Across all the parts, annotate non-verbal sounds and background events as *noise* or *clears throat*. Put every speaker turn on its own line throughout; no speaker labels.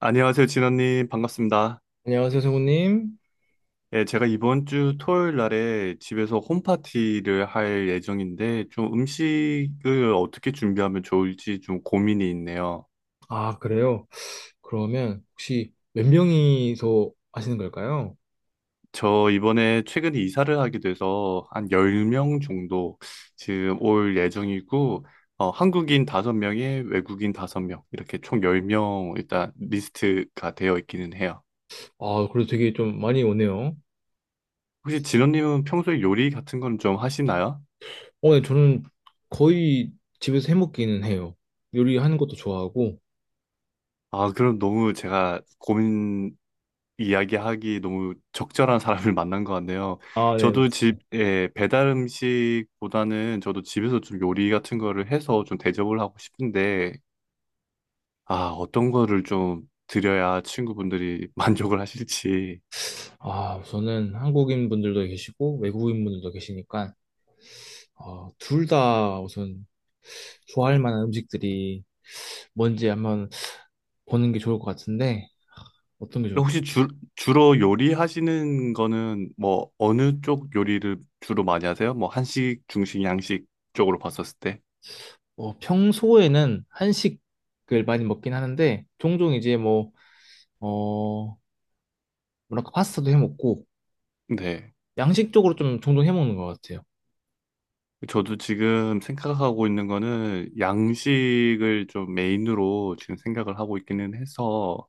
안녕하세요, 진원님. 반갑습니다.
안녕하세요, 성우님.
예, 제가 이번 주 토요일 날에 집에서 홈파티를 할 예정인데, 좀 음식을 어떻게 준비하면 좋을지 좀 고민이 있네요.
아, 그래요? 그러면 혹시 몇 명이서 하시는 걸까요?
저 이번에 최근에 이사를 하게 돼서 한 10명 정도 지금 올 예정이고, 한국인 5명에 외국인 5명, 이렇게 총 10명 일단 리스트가 되어 있기는 해요.
아, 그래도 되게 좀 많이 오네요.
혹시 진원님은 평소에 요리 같은 건 좀 하시나요?
네, 저는 거의 집에서 해먹기는 해요. 요리하는 것도 좋아하고,
아, 그럼 너무 제가 고민을 이야기하기 너무 적절한 사람을 *laughs* 만난 것 같네요. 저도 집에 배달 음식보다는 저도 집에서 좀 요리 같은 거를 해서 좀 대접을 하고 싶은데, 아, 어떤 거를 좀 드려야 친구분들이 *laughs* 만족을 하실지.
아, 우선은 한국인 분들도 계시고, 외국인 분들도 계시니까, 아, 둘 다 우선 좋아할 만한 음식들이 뭔지 한번 보는 게 좋을 것 같은데, 어떤 게 좋을까?
혹시 주, 주로 요리하시는 거는 뭐 어느 쪽 요리를 주로 많이 하세요? 뭐 한식, 중식, 양식 쪽으로 봤었을 때?
평소에는 한식을 많이 먹긴 하는데, 종종 이제 뭐, 어, 뭐랄까, 파스타도 해 먹고,
네.
양식적으로 좀 종종 해 먹는 것 같아요.
저도 지금 생각하고 있는 거는 양식을 좀 메인으로 지금 생각을 하고 있기는 해서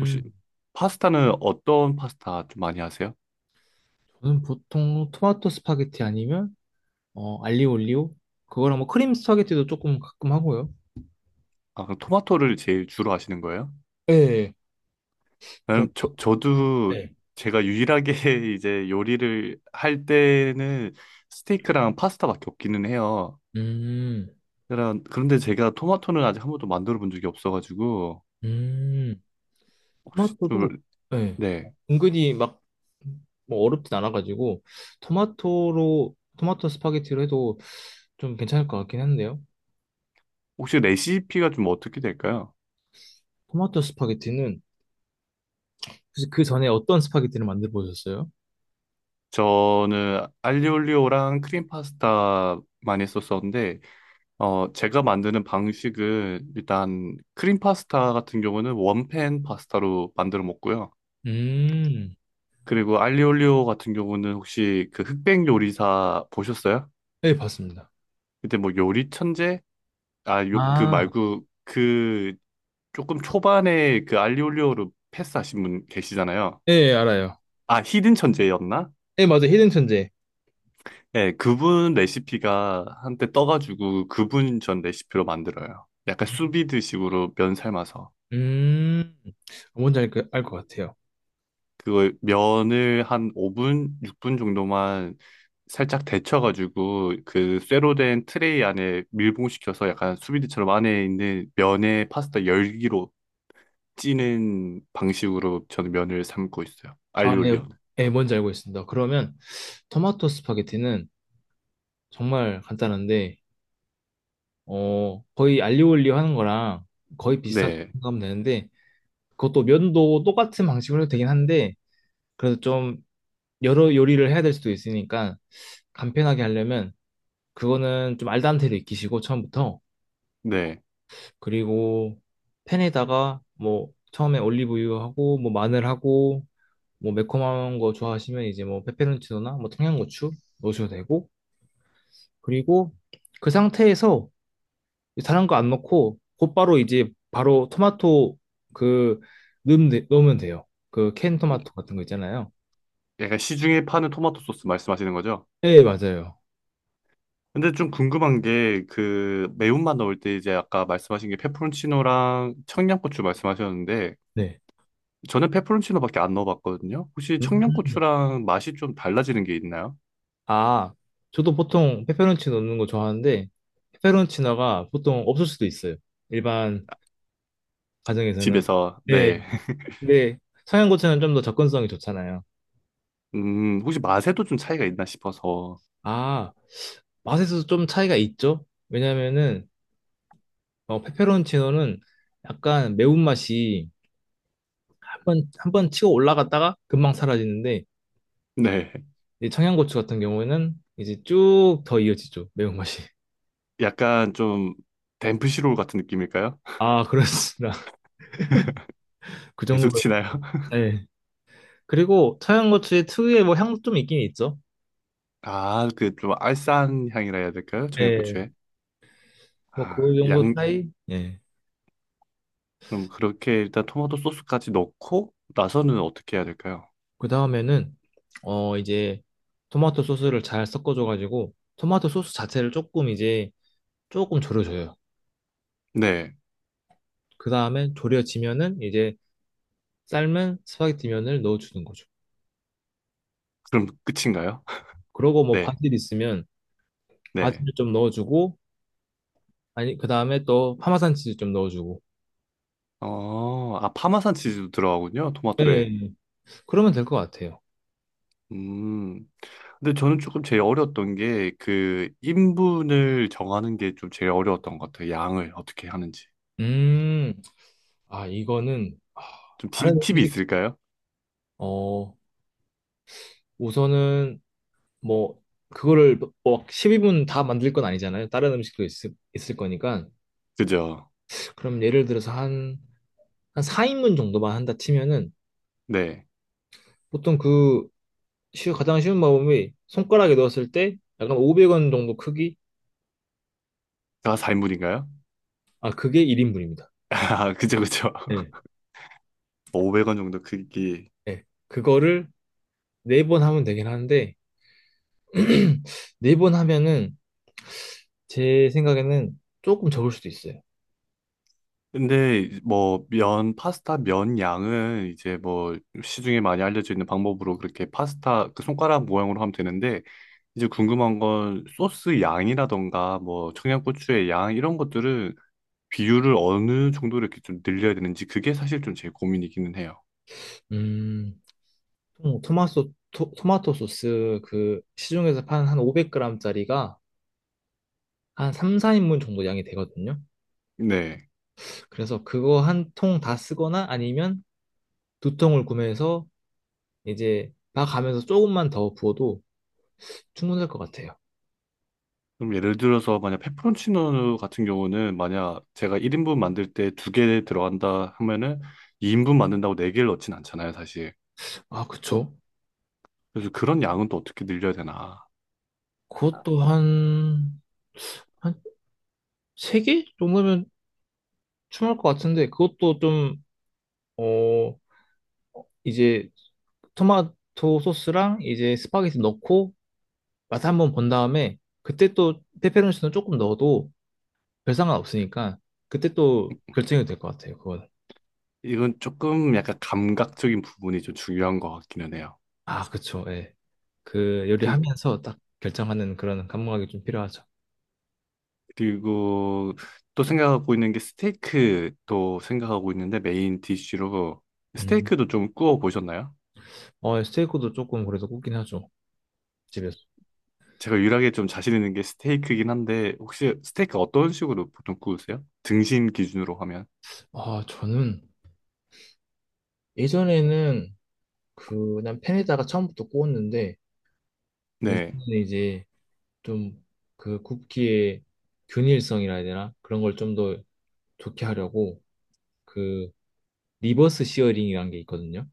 혹시 파스타는 어떤 파스타 좀 많이 하세요?
저는 보통 토마토 스파게티 아니면, 알리오 올리오? 그거랑 뭐 크림 스파게티도 조금 가끔 하고요.
아, 그럼 토마토를 제일 주로 하시는 거예요?
네, 그런,
저도
네.
제가 유일하게 *laughs* 이제 요리를 할 때는 스테이크랑 파스타밖에 없기는 해요.
음,
그런데 제가 토마토는 아직 한 번도 만들어 본 적이 없어가지고
음,
혹시
토마토도,
좀,
네.
네.
은근히 막, 뭐 어렵진 않아가지고, 토마토 스파게티로 해도 좀 괜찮을 것 같긴 한데요.
혹시 레시피가 좀 어떻게 될까요?
토마토 스파게티는, 혹시 그 전에 어떤 스파게티를 만들어 보셨어요?
저는 알리올리오랑 크림 파스타 많이 썼었는데, 제가 만드는 방식은 일단 크림 파스타 같은 경우는 원팬 파스타로 만들어 먹고요.
음.
그리고 알리올리오 같은 경우는 혹시 그 흑백 요리사 보셨어요?
예, 봤습니다.
그때 뭐 요리 천재? 아, 요, 그
아,
말고 그 조금 초반에 그 알리올리오를 패스하신 분 계시잖아요.
예, 알아요.
아, 히든 천재였나?
예, 맞아요. 히든 천재.
네, 그분 레시피가 한때 떠가지고 그분 전 레시피로 만들어요. 약간
음,
수비드식으로 면 삶아서.
음, 뭔지 알것 같아요.
그걸 면을 한 5분, 6분 정도만 살짝 데쳐가지고 그 쇠로 된 트레이 안에 밀봉시켜서 약간 수비드처럼 안에 있는 면에 파스타 열기로 찌는 방식으로 저는 면을 삶고 있어요.
아, 예, 네.
알리올리오는.
예, 뭔지 알고 있습니다. 그러면 토마토 스파게티는 정말 간단한데, 거의 알리올리오 하는 거랑 거의 비슷하다고
네,
생각하면 되는데, 그것도 면도 똑같은 방식으로 해도 되긴 한데, 그래도 좀 여러 요리를 해야 될 수도 있으니까, 간편하게 하려면, 그거는 좀 알단테를 익히시고, 처음부터,
네.
그리고 팬에다가 뭐 처음에 올리브유하고 뭐 마늘하고 뭐 매콤한 거 좋아하시면 이제 뭐 페페론치노나 뭐 청양고추 넣으셔도 되고 그리고 그 상태에서 다른 거 안 넣고 곧바로 이제 바로 토마토 그 넣으면, 넣으면 돼요. 그 캔 토마토 같은 거 있잖아요.
약간 시중에 파는 토마토 소스 말씀하시는 거죠?
네, 맞아요.
근데 좀 궁금한 게 그 매운맛 넣을 때 이제 아까 말씀하신 게 페퍼론치노랑 청양고추 말씀하셨는데
네.
저는 페퍼론치노밖에 안 넣어봤거든요. 혹시
음.
청양고추랑 맛이 좀 달라지는 게 있나요?
아, 저도 보통 페페론치노 넣는 거 좋아하는데 페페론치노가 보통 없을 수도 있어요. 일반 가정에서는.
집에서 네.
네.
*laughs*
근데 청양고추는 좀 더 접근성이 좋잖아요.
음, 혹시 맛에도 좀 차이가 있나 싶어서
아, 맛에서도 좀 차이가 있죠? 왜냐면은 페페론치노는 약간 매운맛이 한 번, 한 번 치고 올라갔다가 금방 사라지는데
네.
이 청양고추 같은 경우에는 이제 쭉 더 이어지죠. 매운맛이.
약간 좀 덴프시롤 같은 느낌일까요? *laughs*
아, 그렇습니다. *laughs* 그
계속
정도.
치나요? *laughs*
네. 그리고 청양고추의 특유의 뭐 향도 좀 있긴 있죠.
아, 그 좀 알싸한 향이라 해야 될까요?
네.
청양고추에.
뭐
아,
그 정도
양.
차이? 예.
그럼 그렇게 일단 토마토 소스까지 넣고 나서는 어떻게 해야 될까요?
그 다음에는 이제 토마토 소스를 잘 섞어줘가지고 토마토 소스 자체를 조금 이제 조금 졸여줘요.
네.
그 다음에 졸여지면은 이제 삶은 스파게티 면을 넣어주는 거죠.
그럼 끝인가요? *laughs*
그러고 뭐
네,
바질 있으면
네.
바질을 좀 넣어주고 아니 그 다음에 또 파마산 치즈 좀 넣어주고.
어, 아, 파마산 치즈도 들어가군요,
예, 예,
토마토에.
예. 그러면 될 것 같아요.
음. 근데 저는 조금 제일 어려웠던 게 그 인분을 정하는 게 좀 제일 어려웠던 것 같아요. 양을 어떻게 하는지.
음, 아 이거는 아, 다른
팁이
음식
있을까요?
어 우선은 뭐 그거를 뭐 12분 다 만들 건 아니잖아요. 다른 음식도 있을 거니까.
그죠?
그럼 예를 들어서 한 4인분 정도만 한다 치면은
네.
보통 그 가장 쉬운 방법이 손가락에 넣었을 때 약간 500원 정도 크기?
다 4인분인가요?
아, 그게 1인분입니다.
*laughs* 아, 그죠, 그죠. *laughs*
네.
500원 정도 크기.
네. 그거를 네 번 하면 되긴 하는데 *clears throat* 네 번 하면은 제 생각에는 조금 적을 수도 있어요.
근데 뭐 면, 파스타 면 양은 이제 뭐 시중에 많이 알려져 있는 방법으로 그렇게 파스타 그 손가락 모양으로 하면 되는데 이제 궁금한 건 소스 양이라던가 뭐 청양고추의 양 이런 것들은 비율을 어느 정도로 이렇게 좀 늘려야 되는지 그게 사실 좀 제 고민이기는 해요.
음, 토마토 토, 마토 소스 그 시중에서 파는 한 500g짜리가 한 3, 4인분 정도 양이 되거든요.
네.
그래서 그거 한 통 다 쓰거나 아니면 두 통을 구매해서 이제 막 가면서 조금만 더 부어도 충분할 것 같아요.
그럼 예를 들어서 만약 페퍼론치노 같은 경우는 만약 제가 1인분 만들 때 두 개 들어간다 하면은 2인분 만든다고 네 개를 넣진 않잖아요, 사실.
아, 그쵸?
그래서 그런 양은 또 어떻게 늘려야 되나.
그것도 한 세 개 정도면 충분할 것 같은데 그것도 좀, 어, 이제 토마토 소스랑 이제 스파게티 넣고 맛 한번 본 다음에 그때 또 페페론치노 조금 넣어도 별 상관 없으니까 그때 또 결정이 될 것 같아요. 그거
이건 조금 약간 감각적인 부분이 좀 중요한 것 같기는 해요.
아, 그쵸. 예. 그
그,
요리하면서 딱 결정하는 그런 감각이 좀 필요하죠.
그리고 또 생각하고 있는 게 스테이크도 생각하고 있는데 메인 디쉬로
음.
스테이크도 좀 구워 보셨나요?
스테이크도 조금 그래도 굽긴 하죠. 집에서.
제가 유일하게 좀 자신 있는 게 스테이크긴 한데 혹시 스테이크 어떤 식으로 보통 구우세요? 등심 기준으로 하면.
아, 저는 예전에는 그 그냥 팬에다가 처음부터 구웠는데
네.
요즘에는 이제 좀 그 굽기의 균일성이라 해야 되나? 그런 걸 좀 더 좋게 하려고 그 리버스 시어링이라는 게 있거든요.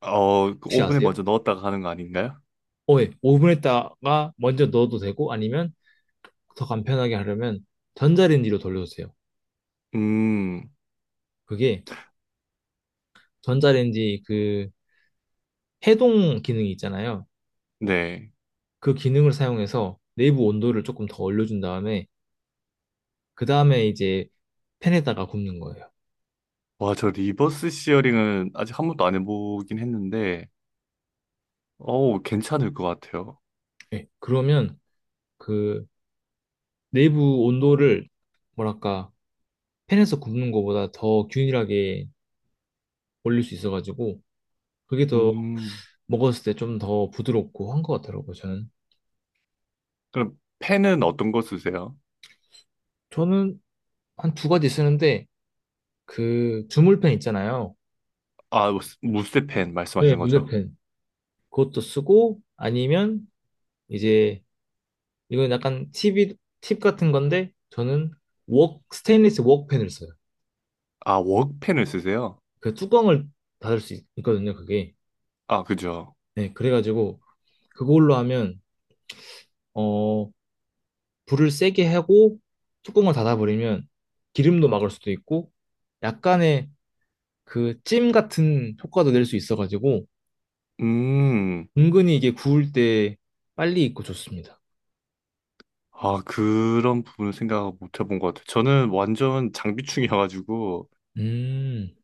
어, 그
혹시
오븐에
아세요?
먼저 넣었다가 하는 거 아닌가요?
어, 예. 오븐에다가 먼저 넣어도 되고 아니면 더 간편하게 하려면 전자레인지로 돌려주세요.
음,
그게 전자레인지 그 해동 기능이 있잖아요.
네.
그 기능을 사용해서 내부 온도를 조금 더 올려준 다음에 그 다음에 이제 팬에다가 굽는 거예요.
와, 저 리버스 시어링은 아직 한 번도 안 해보긴 했는데, 어우, 괜찮을 것 같아요.
예. 그러면 그 내부 온도를 뭐랄까 팬에서 굽는 것보다 더 균일하게 올릴 수 있어가지고 그게 더
음,
먹었을 때 좀 더 부드럽고 한 것 같더라고요. 저는
그럼 펜은 어떤 거 쓰세요?
저는 한 두 가지 쓰는데 그 주물팬 있잖아요.
아, 무쇠펜
네,
말씀하시는 거죠?
물레팬 그것도 쓰고 아니면 이제 이건 약간 팁 같은 건데, 저는 스테인리스 웍펜을 써요.
아, 웍펜을 쓰세요?
그 뚜껑을 닫을 수 있거든요, 그게.
아, 그죠.
네, 그래가지고, 그걸로 하면, 어, 불을 세게 하고, 뚜껑을 닫아버리면, 기름도 막을 수도 있고, 약간의 그 찜 같은 효과도 낼 수 있어가지고,
음,
은근히 이게 구울 때 빨리 익고 좋습니다.
아, 그런 부분을 생각 못 해본 것 같아요. 저는 완전 장비충이어가지고,
음,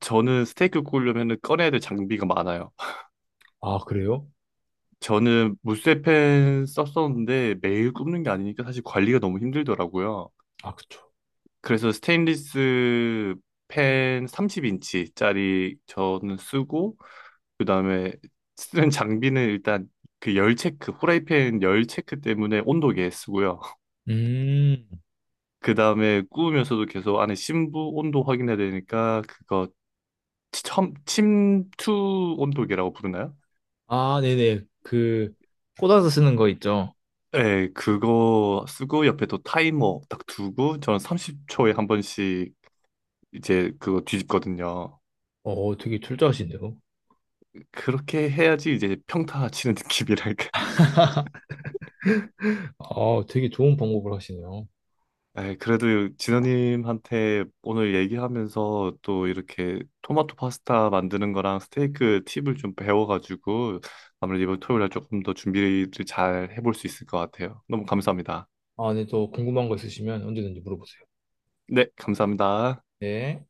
저는 스테이크 구우려면 꺼내야 될 장비가 많아요. *laughs*
아, 그래요?
저는 무쇠펜 썼었는데 매일 굽는 게 아니니까 사실 관리가 너무 힘들더라고요.
아, 그쵸.
그래서 스테인리스 펜 30인치짜리 저는 쓰고, 그다음에 쓰는 장비는 일단 그 열 체크, 후라이팬 열 체크 때문에 온도계 쓰고요.
음,
그다음에 구우면서도 계속 안에 심부 온도 확인해야 되니까 그거 침투 온도계라고 부르나요?
아, 네네. 그, 꽂아서 쓰는 거 있죠.
네, 그거 쓰고 옆에 또 타이머 딱 두고 저는 30초에 한 번씩 이제 그거 뒤집거든요.
어, 어, 되게 철저하시네요.
그렇게 해야지 이제 평타 치는 *laughs* 느낌이랄까.
아, 되게 좋은 방법을 하시네요.
에이, 그래도 진호님한테 오늘 얘기하면서 또 이렇게 토마토 파스타 만드는 거랑 스테이크 팁을 좀 배워가지고 아무래도 이번 토요일 날 조금 더 준비를 잘 해볼 수 있을 것 같아요. 너무 감사합니다.
아, 네, 또 궁금한 거 있으시면 언제든지 물어보세요.
네, 감사합니다.
네.